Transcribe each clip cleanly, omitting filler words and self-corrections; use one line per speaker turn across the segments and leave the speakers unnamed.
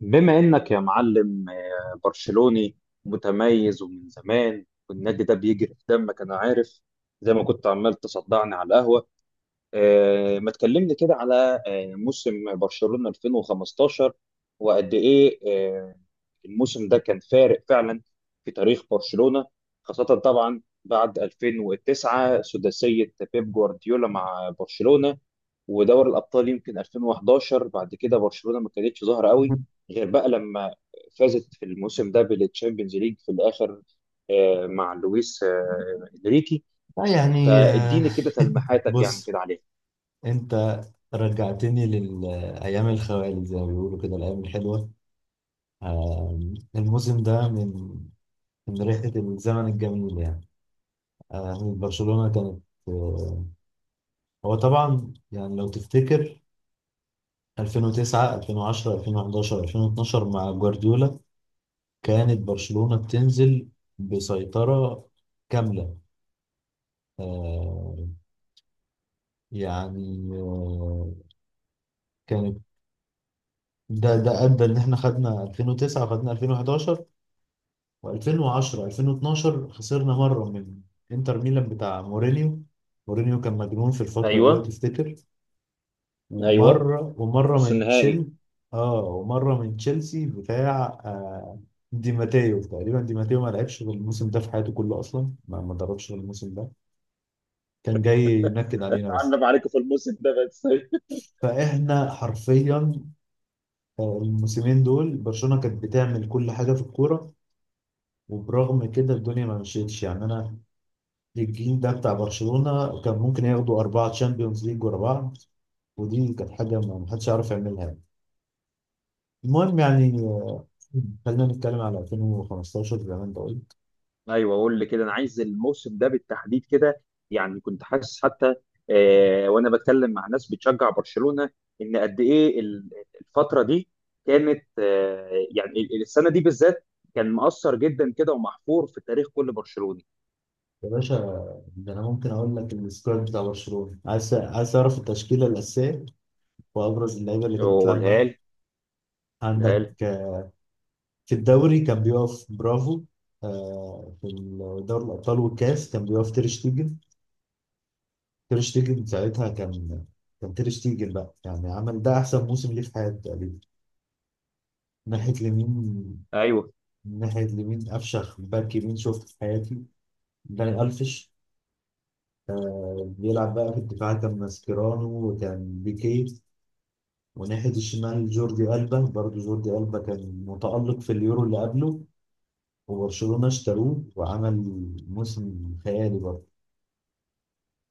بما انك يا معلم برشلوني متميز ومن زمان، والنادي ده بيجري في دمك، انا عارف. زي ما كنت عمال تصدعني على القهوة ما تكلمني كده على موسم برشلونة 2015 وقد ايه؟ آه، الموسم ده كان فارق فعلا في تاريخ برشلونة، خاصة طبعا بعد 2009 سداسية بيب جوارديولا مع برشلونة ودوري الأبطال يمكن 2011. بعد كده برشلونة ما كانتش ظاهرة قوي
لا،
غير بقى لما فازت في الموسم ده بالتشامبيونز ليج في الآخر مع لويس إنريكي.
يعني
فاديني كده تلميحاتك يعني
بص،
كده عليها.
انت رجعتني للايام الخوالي زي ما بيقولوا كده، الايام الحلوه. آه، الموسم ده من ريحه الزمن الجميل يعني. برشلونه كانت. آه، هو طبعا يعني لو تفتكر 2009، 2010، 2011، 2012 مع جوارديولا، كانت برشلونه بتنزل بسيطره كامله. آه، يعني كانت ده ادى ان احنا خدنا 2009، خدنا 2011، و2010، 2012 خسرنا مره من انتر ميلان بتاع مورينيو. مورينيو كان مجنون في الفتره دي لو
ايوه.
تفتكر.
ايوه،
ومره ومره
نص
من تشيل
النهائي.
اه ومره من تشيلسي بتاع دي ماتيو، تقريبا. دي ماتيو ما لعبش غير الموسم ده في حياته كله اصلا، ما دربش غير الموسم ده، كان جاي ينكد علينا بس.
عندنا عليكم في الموسم ده بس.
فاحنا حرفيا الموسمين دول برشلونه كانت بتعمل كل حاجه في الكوره، وبرغم كده الدنيا ما مشيتش يعني. انا الجيل ده بتاع برشلونة كان ممكن ياخدوا 4 تشامبيونز ليج ورا بعض، ودي كانت حاجة ما حدش يعرف يعملها. المهم يعني، خلينا نتكلم على 2015 زي ما انت قلت.
ايوه، قول لي كده، انا عايز الموسم ده بالتحديد كده. يعني كنت حاسس حتى وانا بتكلم مع ناس بتشجع برشلونه ان قد ايه الفتره دي كانت، يعني، السنه دي بالذات كان مؤثر جدا كده ومحفور في تاريخ كل برشلوني.
يا باشا، ده انا ممكن اقول لك السكواد بتاع برشلونة، عايز اعرف التشكيلة الأساسية وأبرز اللعيبة اللي كانت بتلعب
قولها
معاها.
لي، قولها
عندك
لي.
في الدوري كان بيقف برافو، في دوري الأبطال والكاس كان بيقف تير شتيجن. تير شتيجن ساعتها كان تير شتيجن بقى، يعني عمل ده احسن موسم ليه في حياته تقريبا. ناحيه اليمين،
ايوه.
ناحيه اليمين افشخ باك يمين شفته في حياتي، داني الفش. بيلعب بقى في الدفاع كان ماسكيرانو وكان بيكيه. وناحيه الشمال جوردي البا، برضه جوردي البا كان متالق في اليورو اللي قبله، وبرشلونه اشتروه وعمل موسم خيالي برضه.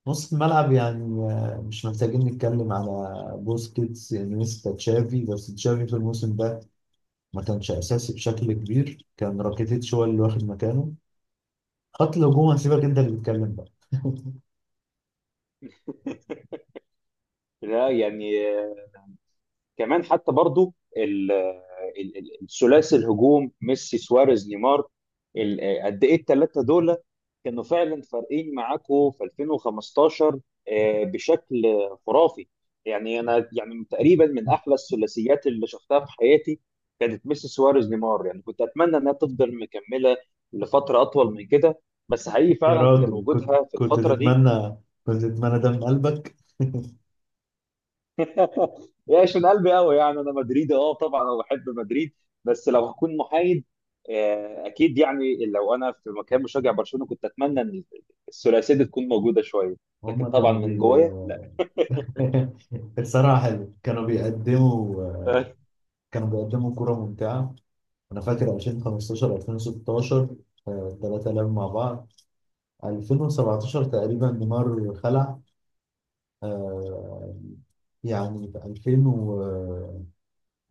نص الملعب يعني، مش محتاجين نتكلم على بوسكيتس، انيستا، تشافي. بس تشافي في الموسم ده ما كانش اساسي بشكل كبير، كان راكيتيتش هو اللي واخد مكانه. خط الهجوم هسيبك انت اللي تتكلم بقى.
لا، يعني كمان حتى برضو الثلاثي الهجوم ميسي سواريز نيمار، قد ايه الثلاثه دول كانوا فعلا فارقين معاكوا في 2015، بشكل خرافي. يعني انا يعني تقريبا من احلى الثلاثيات اللي شفتها في حياتي كانت ميسي سواريز نيمار. يعني كنت اتمنى انها تفضل مكمله لفتره اطول من كده، بس حقيقي
يا
فعلا كان
راجل،
وجودها
كنت
في
كنت
الفتره دي
تتمنى كنت تتمنى دم قلبك.
يعيش من قلبي قوي. يعني انا مدريدي، اه، طبعا انا بحب مدريد، بس لو هكون محايد اكيد يعني لو انا في مكان مشجع برشلونه كنت اتمنى ان الثلاثيه دي تكون موجوده شويه، لكن
هما
طبعا
كانوا
من
بي
جوايا لا.
الصراحة حلو، كانوا بيقدموا
أيوة.
كانوا بيقدموا كرة ممتعة. أنا فاكر 2015، 2016، التلاتة لعبوا مع بعض. 2017 تقريبا نيمار خلع. آه، يعني في 2000 و،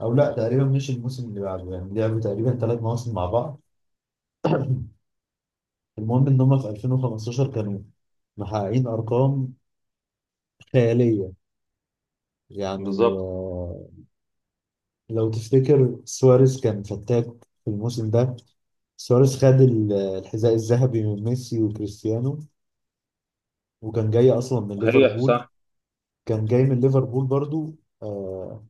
او لا، تقريبا مش الموسم اللي بعده، يعني لعبوا تقريبا 3 مواسم مع بعض. المهم ان هم في 2015 كانوا محققين ارقام خياليه. يعني
بالظبط.
لو تفتكر سواريز كان فتاك في الموسم ده. سواريز خد الحذاء الذهبي من ميسي وكريستيانو، وكان جاي اصلا من
صحيح،
ليفربول،
صح.
كان جاي من ليفربول برضو. آه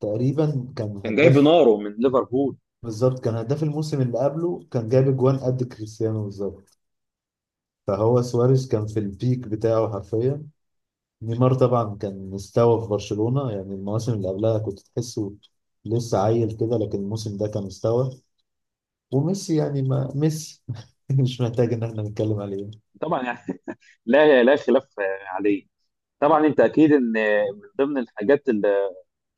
تقريبا كان
كان جايب
هداف،
ناره من ليفربول.
بالظبط كان هداف الموسم اللي قبله، كان جايب اجوان قد كريستيانو بالظبط. فهو سواريز كان في البيك بتاعه حرفيا. نيمار طبعا كان مستوى في برشلونة، يعني المواسم اللي قبلها كنت تحسه لسه عيل كده، لكن الموسم ده كان مستوى. وميسي يعني ما ميسي، مش محتاج ان احنا نتكلم عليه.
طبعا يعني لا، لا خلاف عليه. طبعا انت اكيد ان من ضمن الحاجات اللي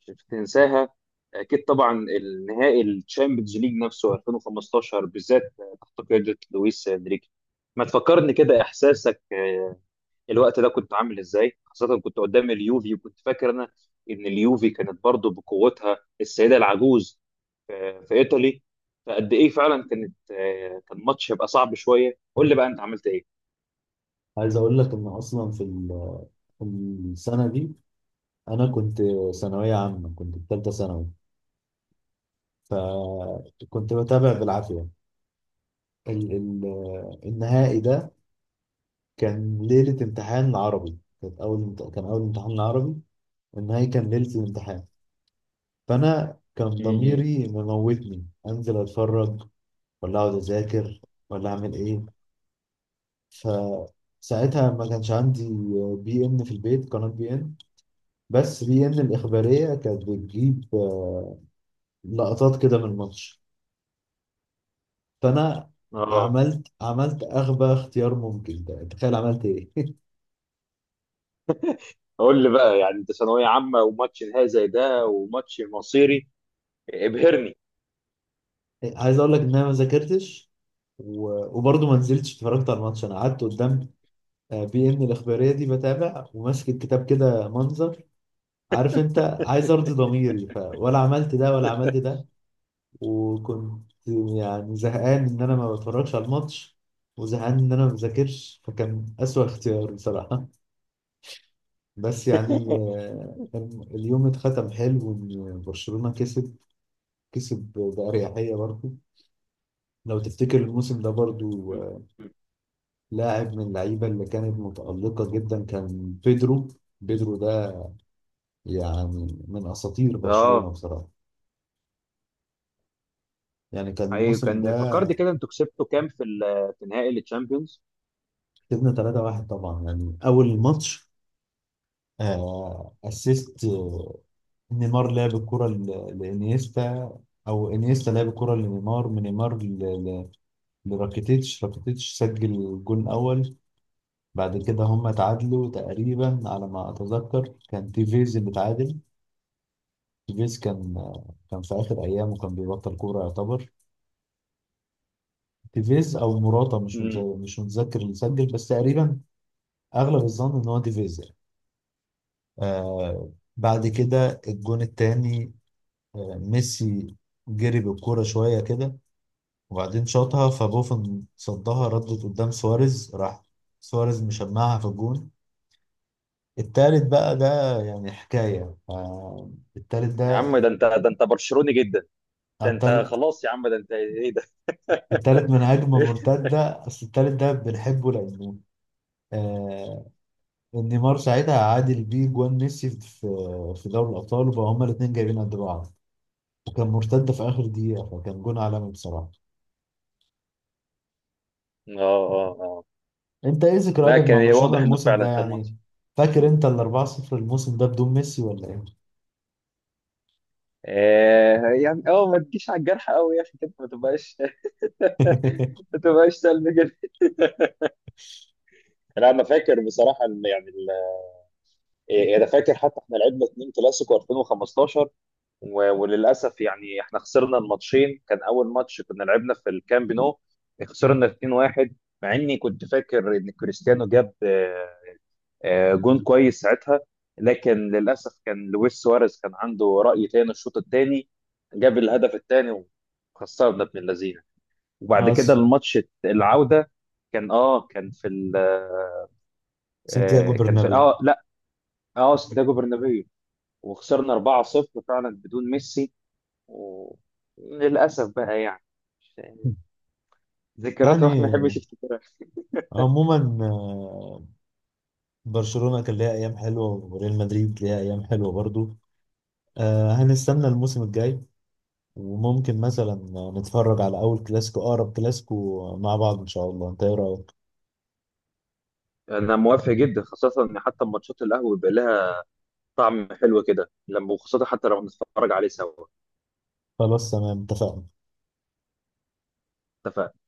مش هتنساها اكيد طبعا النهائي الشامبيونز ليج نفسه 2015 بالذات تحت قياده لويس انريكي. ما تفكرني كده، احساسك الوقت ده كنت عامل ازاي، خاصه كنت قدام اليوفي، وكنت فاكر انا ان اليوفي كانت برضه بقوتها السيده العجوز في في ايطالي؟ فقد ايه فعلا كانت، كان ماتش يبقى صعب شويه، قول لي بقى انت عملت ايه.
عايز اقول لك ان اصلا في السنة دي انا كنت ثانوية عامة، كنت في ثالثة ثانوي، فكنت بتابع بالعافية. ال النهائي ده كان ليلة امتحان العربي، كان أول امتحان العربي، النهائي كان ليلة الامتحان. فأنا كان
م- م.
ضميري مموتني أنزل أتفرج ولا أقعد أذاكر ولا أعمل إيه. فساعتها ما كانش عندي بي إن في البيت، قناة بي إن، بس بي إن الإخبارية كانت بتجيب لقطات كده من الماتش. فأنا
اه،
عملت أغبى اختيار ممكن. تخيل عملت إيه؟
قول لي بقى، يعني انت ثانويه عامه وماتش نهائي زي ده وماتش مصيري، ابهرني.
عايز أقول لك إن أنا ما ذاكرتش، و... وبرضه ما نزلتش اتفرجت على الماتش. أنا قعدت قدام بي ان الاخباريه دي بتابع وماسك الكتاب كده منظر، عارف انت، عايز ارضي ضميري. ولا عملت ده ولا عملت ده. وكنت يعني زهقان ان انا ما بتفرجش على الماتش، وزهقان ان انا ما بذاكرش، فكان اسوأ اختيار بصراحه. بس يعني كان اليوم اتختم حلو، وان برشلونه كسب، كسب باريحيه برضه. لو تفتكر الموسم ده برضه، لاعب من اللعيبه اللي كانت متالقه جدا كان بيدرو. بيدرو يعني من اساطير برشلونه
اه.
بصراحه، يعني كان
حقيقي
الموسم
كان
ده.
فكرني كده، انتوا كسبتوا كام في في نهائي التشامبيونز؟
كسبنا 3-1 طبعا. يعني اول الماتش اسيست، نيمار لعب الكره لانيستا، او انيستا لعب الكره لنيمار، من نيمار لراكيتيتش، راكيتيتش سجل الجول الاول. بعد كده هم اتعادلوا تقريبا، على ما اتذكر كان تيفيز اللي اتعادل. تيفيز كان كان في اخر ايامه، كان بيبطل كوره يعتبر. تيفيز او موراتا، مش مت-
مم.
مش متذكر اللي سجل، بس تقريبا اغلب الظن ان هو دي فيزر. بعد كده الجون التاني، ميسي جري بالكوره شويه كده، وبعدين شاطها فبوفن صدها، ردت قدام سواريز، راح سواريز مشمعها في الجون. التالت بقى ده يعني حكايه. التالت
يا
ده،
عم، ده انت ده انت برشلوني جدا.
آه،
ده انت
التالت
خلاص، يا عم، ده انت ايه ده.
التالت من هجمه مرتده. اصل التالت ده بنحبه، لانه آه نيمار ساعتها عادل بيه جوان ميسي في دوري الابطال، وبقى هما الاثنين جايبين قد بعض. وكان مرتده في اخر دقيقه، فكان جون عالمي بصراحه.
اه، اه، اه.
انت ايه ذكرياتك
لا، كان
مع
إيه،
برشلونه
واضح انه
الموسم ده
فعلا كان ماتش.
يعني؟ فاكر انت ال 4-0 الموسم ده بدون ميسي ولا ايه؟
يعني ما تجيش على الجرح قوي يا اخي كده، ما تبقاش. ما تبقاش سلبي كده. لا، انا فاكر بصراحه، يعني إيه، انا فاكر حتى احنا لعبنا اتنين كلاسيكو 2015 وللاسف يعني احنا خسرنا الماتشين. كان اول ماتش كنا لعبنا في الكامب نو، خسرنا 2-1 مع اني كنت فاكر ان كريستيانو جاب جون كويس ساعتها، لكن للاسف كان لويس سواريز كان عنده راي تاني، الشوط الثاني جاب الهدف الثاني وخسرنا ابن اللذينه. وبعد كده
اصلا
الماتش العوده كان كان في
سانتياغو
كان في
برنابيو.
لا اه سانتياغو برنابيو، وخسرنا 4-0 فعلا بدون ميسي. وللأسف بقى يعني ذكريات الواحد ما يحبش
يعني
يفتكرها.
عموما برشلونة كان ليها أيام حلوة وريال مدريد ليها أيام حلوة برضو. هنستنى الموسم الجاي، وممكن مثلا نتفرج على أول كلاسيكو، أقرب كلاسيكو مع بعض إن شاء الله. أنت إيه رأيك؟
انا موافق جدا، خاصه ان حتى ماتشات القهوه بيبقى لها طعم حلو كده، لما وخاصه حتى لو بنتفرج عليه سوا.
خلاص تمام، اتفقنا.
اتفقنا.